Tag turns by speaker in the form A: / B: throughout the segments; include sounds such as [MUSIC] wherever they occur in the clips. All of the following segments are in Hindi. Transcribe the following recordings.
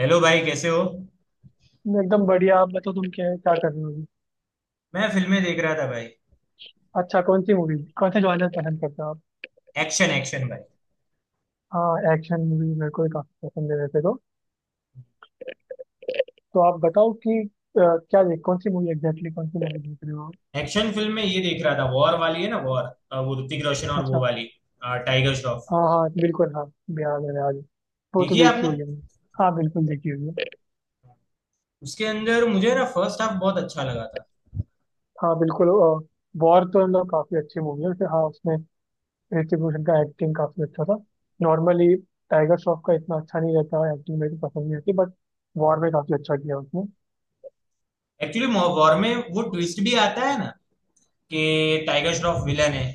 A: हेलो भाई, कैसे हो।
B: मैं एकदम बढ़िया। आप बताओ तुम क्या क्या कर रहे हो अभी।
A: मैं फिल्में देख रहा था भाई।
B: अच्छा, कौन सी मूवी कौन से जॉनर पसंद करते हो आप?
A: एक्शन, एक्शन भाई।
B: हाँ, एक्शन मूवी मेरे को भी काफी पसंद है वैसे तो। तो आप बताओ कि क्या देख कौन सी मूवी एग्जैक्टली कौन सी मूवी देख रहे हो आप?
A: एक्शन फिल्म में ये देख रहा था, वॉर वाली है ना, वॉर। वो ऋतिक रोशन और वो
B: अच्छा।
A: वाली टाइगर श्रॉफ।
B: हाँ हाँ बिल्कुल, हाँ। याद है याद है। वो तो
A: देखिए
B: देखी
A: आपने।
B: हुई है मैंने। हाँ बिल्कुल देखी हुई है।
A: उसके अंदर मुझे ना फर्स्ट हाफ बहुत अच्छा लगा था।
B: हाँ बिल्कुल। वॉर तो मतलब काफी अच्छी मूवी है वैसे, हाँ उसमें ऋतिक रोशन का एक्टिंग काफी अच्छा था। नॉर्मली टाइगर श्रॉफ का इतना अच्छा नहीं रहता, एक्टिंग मेरे को पसंद नहीं आती, बट वॉर में काफी अच्छा किया उसने।
A: एक्चुअली वॉर में वो ट्विस्ट भी आता है ना कि टाइगर श्रॉफ विलन है।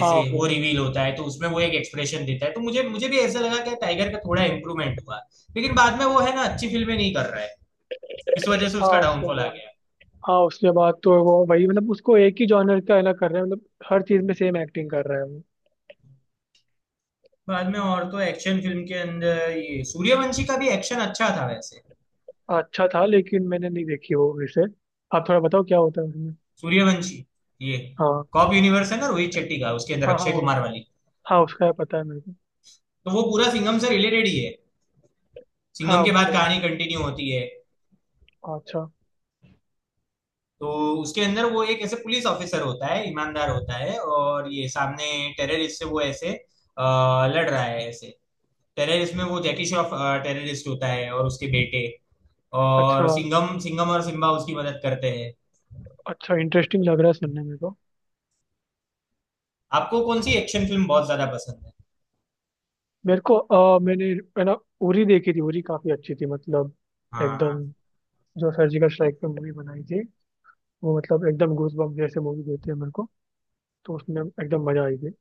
B: हाँ।
A: वो रिवील होता है तो उसमें वो एक एक्सप्रेशन देता है तो मुझे मुझे भी ऐसा लगा कि टाइगर का थोड़ा इम्प्रूवमेंट हुआ। लेकिन बाद में वो है ना, अच्छी फिल्में नहीं कर रहा है, इस वजह से
B: हाँ
A: उसका
B: उसके
A: डाउनफॉल आ
B: बाद,
A: गया।
B: हाँ उसके बाद तो वो वही मतलब उसको एक ही जॉनर का है ना कर रहे हैं, मतलब हर चीज में सेम एक्टिंग कर रहा है वो।
A: बाद में और तो एक्शन फिल्म के अंदर ये सूर्यवंशी का भी एक्शन अच्छा था वैसे।
B: अच्छा था लेकिन मैंने नहीं देखी वो इसे। आप थोड़ा बताओ क्या होता है उसमें।
A: सूर्यवंशी ये
B: हाँ।
A: कॉप यूनिवर्स है ना, रोहित शेट्टी का, उसके अंदर
B: हाँ हाँ
A: अक्षय
B: वो,
A: कुमार वाली।
B: हाँ उसका है पता है मेरे को।
A: तो वो पूरा सिंघम से रिलेटेड ही है।
B: हाँ
A: सिंघम के
B: वो
A: बाद
B: तो,
A: कहानी कंटिन्यू होती है।
B: हाँ, अच्छा।
A: तो उसके अंदर वो एक ऐसे पुलिस ऑफिसर होता है, ईमानदार होता है, और ये सामने टेररिस्ट से वो ऐसे अ, लड़ रहा है ऐसे। टेररिस्ट में वो जैकी श्रॉफ टेररिस्ट होता है, और उसके बेटे,
B: अच्छा।
A: और सिंघम सिंघम और सिम्बा उसकी मदद करते हैं।
B: अच्छा, इंटरेस्टिंग लग रहा है सुनने में तो।
A: आपको कौन सी एक्शन फिल्म बहुत ज्यादा पसंद है?
B: मेरे को मैंने, है ना, उरी देखी थी, उरी काफी अच्छी थी मतलब
A: हाँ
B: एकदम। जो सर्जिकल स्ट्राइक पे मूवी बनाई थी, वो मतलब एकदम गूज बम्प जैसे मूवी देती है मेरे को। तो उसमें एकदम मजा आई थी।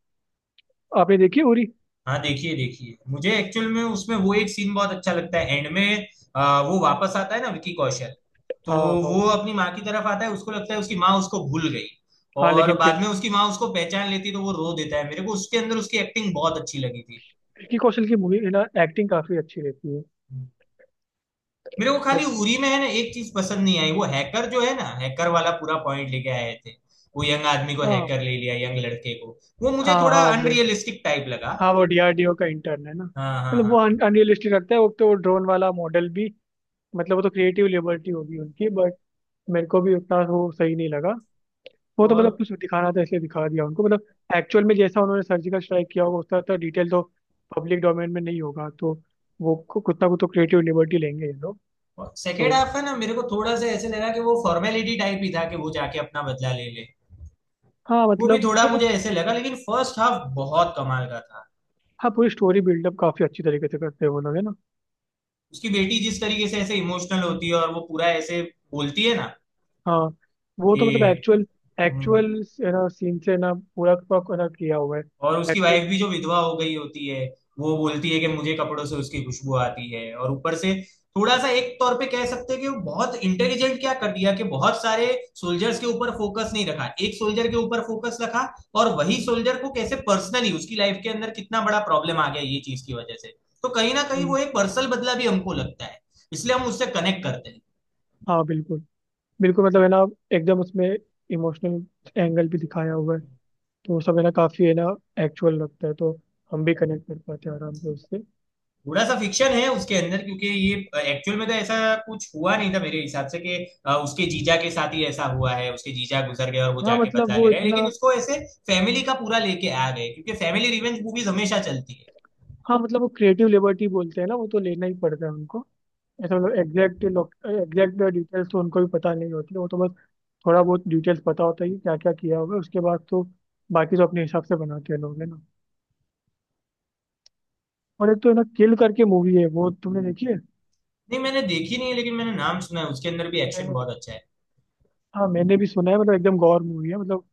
B: आपने देखी उरी?
A: हाँ, देखिए देखिए। मुझे एक्चुअल में उसमें वो एक सीन बहुत अच्छा लगता है, एंड में वो वापस आता है ना, विकी कौशल। तो
B: हाँ हाँ।
A: वो अपनी माँ की तरफ आता है, उसको लगता है उसकी माँ उसको भूल गई,
B: हाँ
A: और
B: लेकिन फिर
A: बाद में उसकी माँ उसको पहचान लेती है, तो वो रो देता है। मेरे को उसके अंदर उसकी एक्टिंग बहुत अच्छी लगी थी।
B: विक्की कौशल की मूवी में ना एक्टिंग काफी अच्छी रहती है।
A: मेरे को खाली
B: मतलब
A: उरी में है ना एक चीज पसंद नहीं आई, वो हैकर जो है ना, हैकर वाला पूरा पॉइंट लेके आए थे। वो यंग आदमी को
B: हाँ
A: हैकर ले लिया, यंग लड़के को, वो मुझे
B: हाँ
A: थोड़ा
B: हाँ वो,
A: अनरियलिस्टिक टाइप लगा।
B: हाँ वो डीआरडीओ का इंटर्न है ना,
A: हाँ हाँ
B: मतलब वो
A: हाँ।
B: अनरियलिस्टिक लगता है। वो तो ड्रोन वाला मॉडल भी, मतलब वो तो क्रिएटिव लिबर्टी होगी उनकी, बट मेरे को भी उतना वो सही नहीं लगा। वो तो मतलब
A: और
B: कुछ दिखाना था इसलिए दिखा दिया उनको, मतलब एक्चुअल में जैसा उन्होंने सर्जिकल स्ट्राइक किया होगा उसका तो डिटेल तो पब्लिक डोमेन में नहीं होगा, तो वो कुछ ना कुछ तो क्रिएटिव लिबर्टी लेंगे ये लोग।
A: सेकेंड
B: तो
A: हाफ है ना, मेरे को थोड़ा सा ऐसे लगा कि वो फॉर्मेलिटी टाइप ही था, कि वो जाके अपना बदला ले ले।
B: हाँ
A: वो भी
B: मतलब,
A: थोड़ा मुझे ऐसे लगा, लेकिन फर्स्ट हाफ बहुत कमाल का था।
B: हाँ पूरी स्टोरी बिल्डअप काफी अच्छी तरीके से करते हैं वो लोग है ना।
A: उसकी बेटी जिस तरीके से ऐसे इमोशनल होती है, और वो पूरा ऐसे बोलती है ना
B: हाँ वो
A: कि
B: तो मतलब एक्चुअल,
A: "हम्म"।
B: एक्चुअल ना सीन से ना पूरा का पूरा ना किया हुआ है।
A: और उसकी
B: एक्चुअल।
A: वाइफ भी जो विधवा हो गई होती है, वो बोलती है कि मुझे कपड़ों से उसकी खुशबू आती है। और ऊपर से थोड़ा सा एक तौर पे कह सकते हैं कि वो बहुत इंटेलिजेंट क्या कर दिया, कि बहुत सारे सोल्जर्स के ऊपर फोकस नहीं रखा, एक सोल्जर के ऊपर फोकस रखा, और वही सोल्जर को कैसे पर्सनली उसकी लाइफ के अंदर कितना बड़ा प्रॉब्लम आ गया ये चीज की वजह से। तो कहीं ना कहीं वो एक पर्सनल बदला भी हमको लगता है, इसलिए हम उससे कनेक्ट करते
B: हाँ बिल्कुल, बिल्कुल मतलब है ना, एकदम उसमें इमोशनल एंगल भी दिखाया हुआ है।
A: हैं।
B: तो वो सब है ना, काफी है ना एक्चुअल लगता है, तो हम भी कनेक्ट कर पाते हैं आराम से उससे।
A: थोड़ा सा फिक्शन है उसके अंदर, क्योंकि ये एक्चुअल में तो ऐसा कुछ हुआ नहीं था मेरे हिसाब से कि उसके जीजा के साथ ही ऐसा हुआ है, उसके जीजा गुजर गए और वो
B: हाँ
A: जाके
B: मतलब
A: बदला
B: वो
A: ले रहे हैं, लेकिन
B: इतना,
A: उसको ऐसे फैमिली का पूरा लेके आ गए क्योंकि फैमिली रिवेंज मूवीज हमेशा चलती है।
B: हाँ मतलब वो क्रिएटिव लिबर्टी बोलते हैं ना, वो तो लेना ही पड़ता है उनको। ऐसा मतलब एग्जैक्ट, डिटेल्स तो उनको भी पता नहीं होती, वो तो बस थोड़ा बहुत डिटेल्स पता होता है कि क्या क्या किया होगा, उसके बाद तो बाकी तो अपने हिसाब से बनाते हैं लोग है ना। और एक तो है ना, किल करके मूवी है, वो तुमने देखी है?
A: नहीं, मैंने देखी नहीं है, लेकिन मैंने नाम सुना है। उसके अंदर भी एक्शन
B: मैंने भी-
A: बहुत अच्छा है।
B: हाँ मैंने भी सुना है, मतलब एकदम गौर मूवी है मतलब,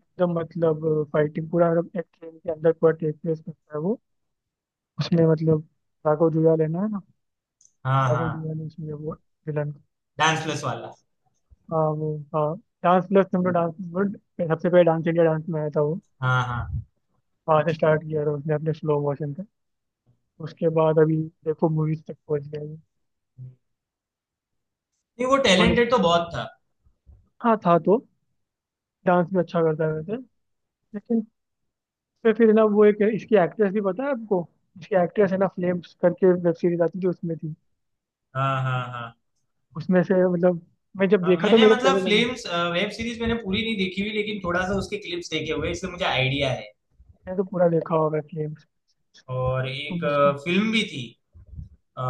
B: एकदम मतलब फाइटिंग पूरा, मतलब एक ट्रेन के अंदर पूरा टेक प्लेस करता है वो। उसमें मतलब राघव जुयाल है ना, है ना,
A: हाँ
B: राघव
A: हाँ।
B: जुयाल है उसमें वो विलन।
A: डांस प्लस वाला।
B: हाँ वो, हाँ डांस प्लस तुमने डांस सबसे पहले डांस इंडिया डांस में आया था वो।
A: हाँ हाँ।
B: वहाँ से स्टार्ट किया था उसने अपने स्लो मोशन। उसके बाद अभी देखो मूवीज तक पहुंच गया है।
A: नहीं, वो
B: और
A: टैलेंटेड तो बहुत था।
B: हाँ, था तो। डांस भी अच्छा करता है वैसे, लेकिन फिर ना, वो एक इसकी एक्ट्रेस भी पता है आपको? इसकी एक्ट्रेस है ना, फ्लेम्स करके वेब सीरीज आती थी उसमें थी।
A: हाँ हाँ हाँ।
B: उसमें से मतलब, मैं जब
A: हाँ,
B: देखा तो
A: मैंने
B: मेरे को
A: मतलब
B: पहले लगा,
A: फिल्म्स, वेब सीरीज मैंने पूरी नहीं देखी हुई, लेकिन थोड़ा सा उसके क्लिप्स देखे हुए हैं, इसलिए मुझे आइडिया है।
B: मैंने तो पूरा देखा होगा फ्लेम्स।
A: और
B: तो
A: एक
B: उसकी।
A: फिल्म भी थी, अ,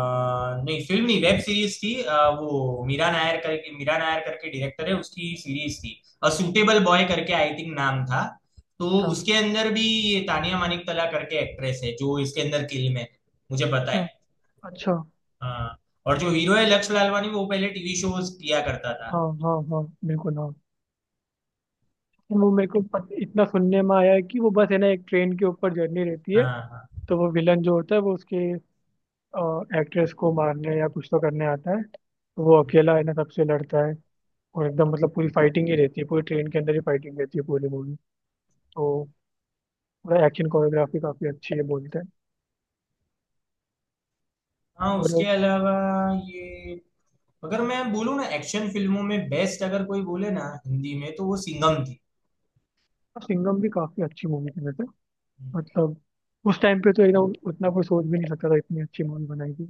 A: नहीं फिल्म नहीं, वेब सीरीज थी। वो मीरा नायर करके, मीरा नायर करके डायरेक्टर है, उसकी सीरीज थी, अ सूटेबल बॉय करके, आई थिंक नाम था। तो
B: अच्छा।
A: उसके अंदर भी ये तानिया मानिक तला करके एक्ट्रेस है, जो इसके अंदर किल में है, मुझे पता है।
B: अच्छा। अच्छा।
A: हाँ। और जो हीरो है लक्ष्य लालवानी, वो पहले टीवी शोज किया करता था।
B: हाँ हाँ हाँ बिल्कुल, हाँ। लेकिन वो मेरे को इतना सुनने में आया है कि वो बस है ना, एक ट्रेन के ऊपर जर्नी रहती है।
A: हाँ हाँ
B: तो वो विलन जो होता है वो उसके एक्ट्रेस को मारने या कुछ तो करने आता है, तो वो अकेला है ना सबसे लड़ता है। और एकदम मतलब पूरी फाइटिंग ही रहती है, पूरी ट्रेन के अंदर ही फाइटिंग रहती है पूरी मूवी। तो पूरा एक्शन कोरियोग्राफी काफी अच्छी है बोलते हैं।
A: हाँ। उसके
B: और
A: अलावा ये, अगर मैं बोलूँ ना एक्शन फिल्मों में बेस्ट अगर कोई बोले ना हिंदी में, तो वो सिंघम थी।
B: सिंघम भी काफी अच्छी मूवी थी वैसे। मतलब उस टाइम पे तो एकदम उतना कोई सोच भी नहीं सकता था, इतनी अच्छी मूवी बनाई थी।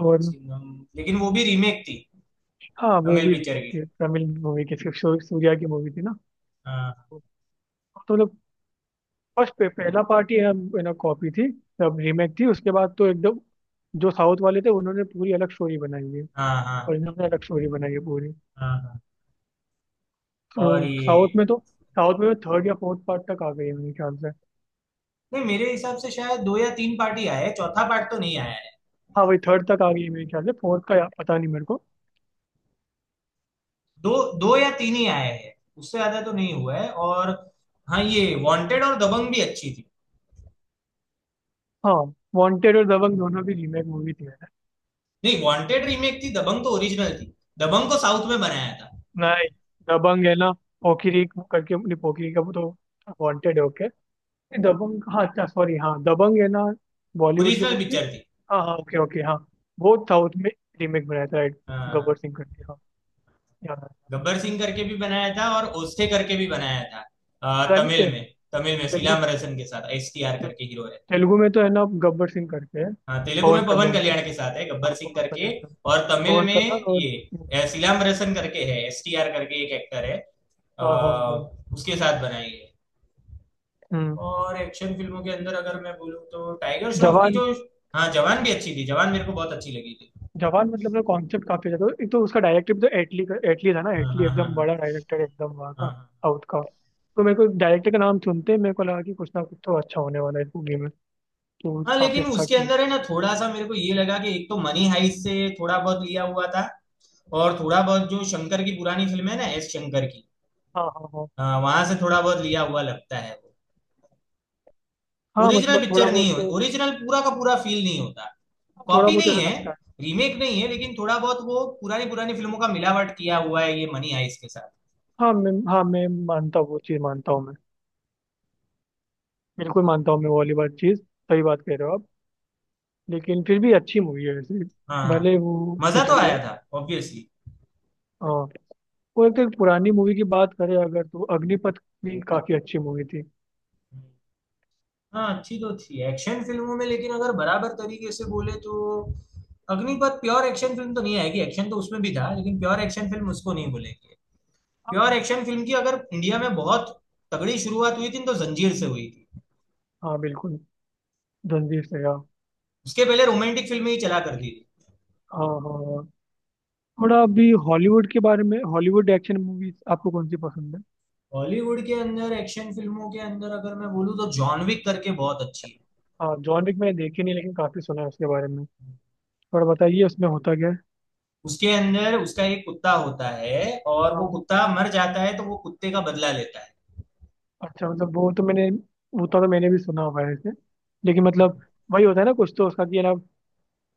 A: हाँ,
B: और
A: सिंघम लेकिन वो भी रीमेक थी,
B: हाँ, वो
A: तमिल
B: भी
A: पिक्चर
B: रिमेक
A: की।
B: थी, तमिल मूवी की सूर्या की मूवी थी ना।
A: हाँ
B: तो मतलब पहला पार्ट ही हम यू नो कॉपी थी, तब रीमेक थी। उसके बाद तो एकदम, जो साउथ वाले थे उन्होंने पूरी अलग स्टोरी बनाई है,
A: हाँ हाँ
B: और इन्होंने अलग स्टोरी बनाई है पूरी।
A: हाँ हाँ।
B: तो
A: और
B: साउथ
A: ये,
B: में तो, साउथ में थर्ड या फोर्थ पार्ट तक आ गई है मेरे ख्याल से।
A: नहीं मेरे हिसाब से शायद दो या तीन पार्ट ही आए हैं, चौथा पार्ट तो नहीं आया है।
B: हाँ वही थर्ड तक आ गई है मेरे ख्याल से, पता नहीं मेरे को।
A: दो, दो या तीन ही आए हैं, उससे ज्यादा तो नहीं हुआ है। और हाँ, ये वांटेड और दबंग भी अच्छी थी।
B: हाँ वांटेड और दबंग दोनों भी रीमेक मूवी थी है ना।
A: नहीं, वांटेड रीमेक थी, दबंग तो ओरिजिनल थी। दबंग को साउथ में बनाया था,
B: नहीं, दबंग है ना पोकिरी करके, नहीं पोकिरी का वो तो वांटेड है okay। नहीं, दबंग, हाँ अच्छा सॉरी, हाँ दबंग है ना बॉलीवुड की
A: ओरिजिनल
B: मूवी थी।
A: पिक्चर थी।
B: हाँ हाँ ओके ओके, हाँ वो साउथ में रीमेक बनाया था राइट।
A: हाँ
B: गब्बर
A: हाँ।
B: सिंह करके, हाँ याद आया।
A: गब्बर सिंह करके भी बनाया था, और ओस्टे करके भी बनाया था,
B: पता नहीं
A: तमिल में। तमिल में
B: तेलुगु,
A: सीलामरसन के साथ, एस टी आर
B: ते,
A: करके हीरो।
B: तेलुगु में तो है ना गब्बर सिंह करके है।
A: हाँ, तेलुगु
B: पवन
A: में पवन
B: कल्याण कर
A: कल्याण के साथ है,
B: हाँ
A: गब्बर सिंह
B: पवन
A: करके।
B: कल्याण, कर
A: और तमिल
B: पवन
A: में
B: कल्याण और
A: ये सिलाम्बरसन करके है, एस टी आर करके एक एक्टर है, अ,
B: हाँ हाँ हाँ।
A: उसके साथ बनाई है।
B: हम्म।
A: और एक्शन फिल्मों के अंदर अगर मैं बोलूँ तो टाइगर श्रॉफ की
B: जवान,
A: जो, हाँ जवान भी अच्छी थी, जवान मेरे को बहुत अच्छी लगी थी।
B: जवान मतलब ना कॉन्सेप्ट काफी अच्छा था, एक तो उसका डायरेक्टर भी तो एटली था ना,
A: हाँ
B: एटली
A: हाँ हाँ
B: एकदम
A: हाँ।
B: बड़ा डायरेक्टर एकदम वहाँ
A: हाँ
B: का
A: हाँ।
B: साउथ का। तो
A: हाँ।
B: मेरे को डायरेक्टर का नाम सुनते ही मेरे को लगा कि कुछ ना कुछ तो अच्छा होने वाला है इस मूवी में। तो
A: हाँ,
B: काफी
A: लेकिन
B: अच्छा
A: उसके
B: किया।
A: अंदर है ना, थोड़ा सा मेरे को ये लगा कि एक तो मनी हाइस्ट से थोड़ा बहुत लिया हुआ था, और थोड़ा बहुत जो शंकर की पुरानी फिल्म है ना, एस शंकर की,
B: हाँ हाँ हाँ
A: हाँ, वहां से थोड़ा बहुत लिया हुआ लगता है वो।
B: हाँ।
A: ओरिजिनल
B: मतलब थोड़ा
A: पिक्चर नहीं
B: बहुत,
A: हो, ओरिजिनल पूरा का पूरा फील नहीं होता। कॉपी नहीं
B: ऐसा
A: है,
B: लगता है।
A: रीमेक नहीं है, लेकिन थोड़ा बहुत वो पुरानी पुरानी फिल्मों का मिलावट किया हुआ है ये मनी आइस के साथ।
B: हाँ मैं, हाँ मैं मानता हूँ, वो चीज़ मानता हूँ मैं। बिल्कुल मानता हूँ मैं, वो वाली बात, चीज़ सही बात कह रहे हो आप। लेकिन फिर भी अच्छी मूवी है वैसे,
A: हाँ हाँ।
B: भले वो
A: मजा
B: कुछ
A: तो
B: भी
A: आया
B: हो।
A: था, ऑब्वियसली।
B: हाँ। और एक तो पुरानी मूवी की बात करें अगर, तो अग्निपथ भी काफी अच्छी मूवी थी।
A: हाँ, अच्छी तो थी एक्शन फिल्मों में, लेकिन अगर बराबर तरीके से बोले तो अग्निपथ प्योर एक्शन फिल्म तो नहीं आएगी। एक्शन तो उसमें भी था, लेकिन प्योर एक्शन फिल्म उसको नहीं बोलेंगे। प्योर
B: हाँ
A: एक्शन फिल्म की अगर इंडिया में बहुत तगड़ी शुरुआत हुई थी, तो जंजीर से हुई थी।
B: हाँ, बिल्कुल। रणवीर से, हाँ।
A: उसके पहले रोमांटिक फिल्में ही चला करती थी।
B: हाँ हाँ। हाँ। थोड़ा अभी हॉलीवुड के बारे में, हॉलीवुड एक्शन मूवीज आपको कौन सी पसंद है?
A: बॉलीवुड के अंदर एक्शन फिल्मों के अंदर अगर मैं बोलूँ तो जॉन विक करके बहुत अच्छी है।
B: हाँ, जॉन विक मैंने देखी नहीं, लेकिन काफी सुना है उसके बारे में। थोड़ा बताइए उसमें होता क्या है।
A: उसके अंदर उसका एक कुत्ता होता है, और वो
B: हाँ
A: कुत्ता मर जाता है, तो वो कुत्ते का बदला लेता है।
B: अच्छा, मतलब वो तो मैंने, वो तो मैंने भी सुना हुआ है ऐसे। लेकिन
A: हाँ,
B: मतलब वही होता है ना कुछ तो उसका कि है ना,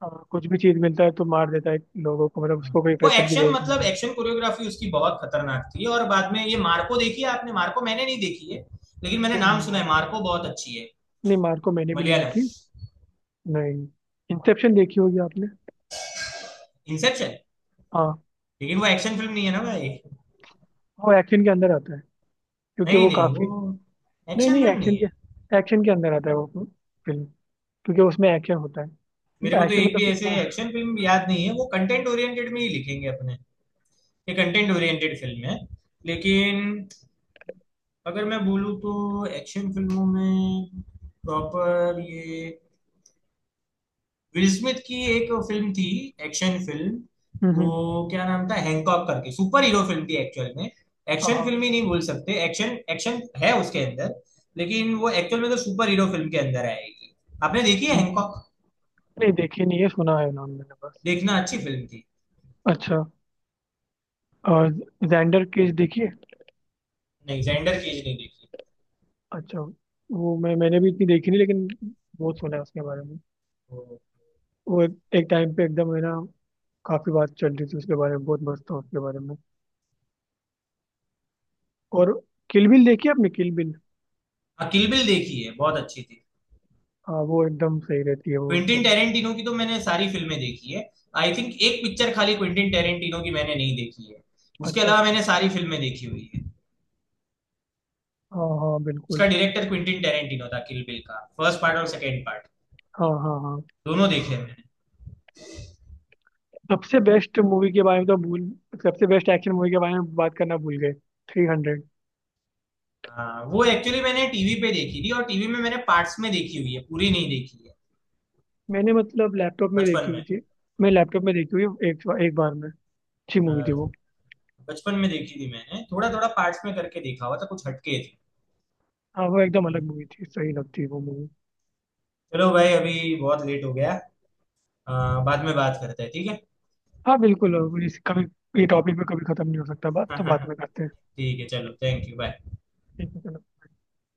B: कुछ भी चीज़ मिलता है तो मार देता है लोगों को, मतलब
A: हाँ।
B: उसको कोई
A: वो
B: वेपन की
A: एक्शन
B: जरूरत नहीं
A: मतलब
B: होती।
A: एक्शन कोरियोग्राफी उसकी बहुत खतरनाक थी। और बाद में ये मार्को, देखी है आपने मार्को? मैंने नहीं देखी है, लेकिन मैंने
B: नहीं
A: नाम सुना
B: मार
A: है, मार्को बहुत अच्छी है।
B: नहीं, मार को मैंने भी नहीं
A: मलयालम।
B: देखी। नहीं, इंसेप्शन देखी होगी आपने।
A: इंसेप्शन
B: हाँ
A: लेकिन वो एक्शन फिल्म नहीं है ना भाई।
B: वो एक्शन के अंदर आता है, क्योंकि
A: नहीं
B: वो
A: नहीं, वो
B: काफ़ी। नहीं
A: एक्शन
B: नहीं,
A: फिल्म नहीं है।
B: एक्शन के अंदर आता है वो फिल्म, क्योंकि उसमें एक्शन होता
A: मेरे को
B: है,
A: तो
B: एक्शन
A: एक
B: मतलब
A: भी
B: सिर्फ।
A: ऐसे एक्शन फिल्म याद नहीं है, वो कंटेंट ओरिएंटेड में ही लिखेंगे अपने। ये कंटेंट ओरिएंटेड फिल्म है। लेकिन अगर मैं बोलूँ तो एक्शन फिल्मों में प्रॉपर ये, विल स्मिथ की एक फिल्म थी, एक्शन फिल्म,
B: हम्म
A: वो
B: हम्म,
A: क्या नाम था, हैंकॉक करके। सुपर हीरो फिल्म थी एक्चुअल में,
B: हाँ
A: एक्शन
B: हाँ,
A: फिल्म ही नहीं बोल सकते, एक्शन एक्शन है उसके अंदर, लेकिन वो एक्चुअल में तो सुपर हीरो फिल्म के अंदर आएगी। आपने देखी है
B: हम्म।
A: हैंकॉक?
B: नहीं देखी नहीं है, सुना है नाम मैंने बस।
A: देखना, अच्छी फिल्म थी।
B: अच्छा। और जेंडर केस देखिए।
A: नहीं, जेंडर केज नहीं देखी।
B: अच्छा, वो मैं मैंने भी इतनी देखी नहीं, लेकिन बहुत सुना है उसके बारे में।
A: वो
B: वो एक, एक टाइम पे एकदम है ना, काफी बात चल रही थी उसके बारे में, बहुत मस्त था उसके बारे में। और किल बिल देखी आपने, किल बिल?
A: हाँ, किल बिल देखी है, बहुत अच्छी थी।
B: हाँ वो एकदम सही रहती है, वो
A: क्विंटिन
B: एकदम।
A: टेरेंटिनो की तो मैंने सारी फिल्में देखी है। आई थिंक एक पिक्चर खाली क्विंटिन टेरेंटिनो की मैंने नहीं देखी है, उसके
B: अच्छा।
A: अलावा मैंने सारी फिल्में देखी हुई है।
B: हाँ हाँ
A: उसका
B: बिल्कुल,
A: डायरेक्टर क्विंटिन टेरेंटिनो था, किल बिल का फर्स्ट पार्ट और सेकेंड पार्ट
B: हाँ हाँ हाँ।
A: दोनों देखे हैं मैंने।
B: सबसे बेस्ट मूवी के बारे में तो भूल, सबसे बेस्ट एक्शन मूवी के बारे में बात करना भूल गए, 300।
A: हाँ, वो एक्चुअली मैंने टीवी पे देखी थी, और टीवी में मैंने पार्ट्स में देखी हुई है, पूरी नहीं देखी है।
B: मैंने मतलब लैपटॉप में
A: बचपन
B: देखी हुई
A: में
B: थी, मैं लैपटॉप में देखी हुई एक एक बार में। अच्छी
A: अ,
B: मूवी थी वो।
A: बचपन में देखी थी मैंने, थोड़ा थोड़ा पार्ट्स में करके देखा हुआ था, कुछ हटके थे।
B: हाँ, वो एकदम अलग मूवी थी, सही लगती है वो मूवी।
A: चलो भाई, अभी बहुत लेट हो गया, अ, बाद में बात करते हैं, ठीक है?
B: हाँ बिल्कुल, अब इस कभी, ये टॉपिक पे कभी खत्म नहीं हो सकता
A: [LAUGHS]
B: बात, तो बात में
A: ठीक
B: करते हैं।
A: है चलो, थैंक यू, बाय।
B: ठीक है चलो।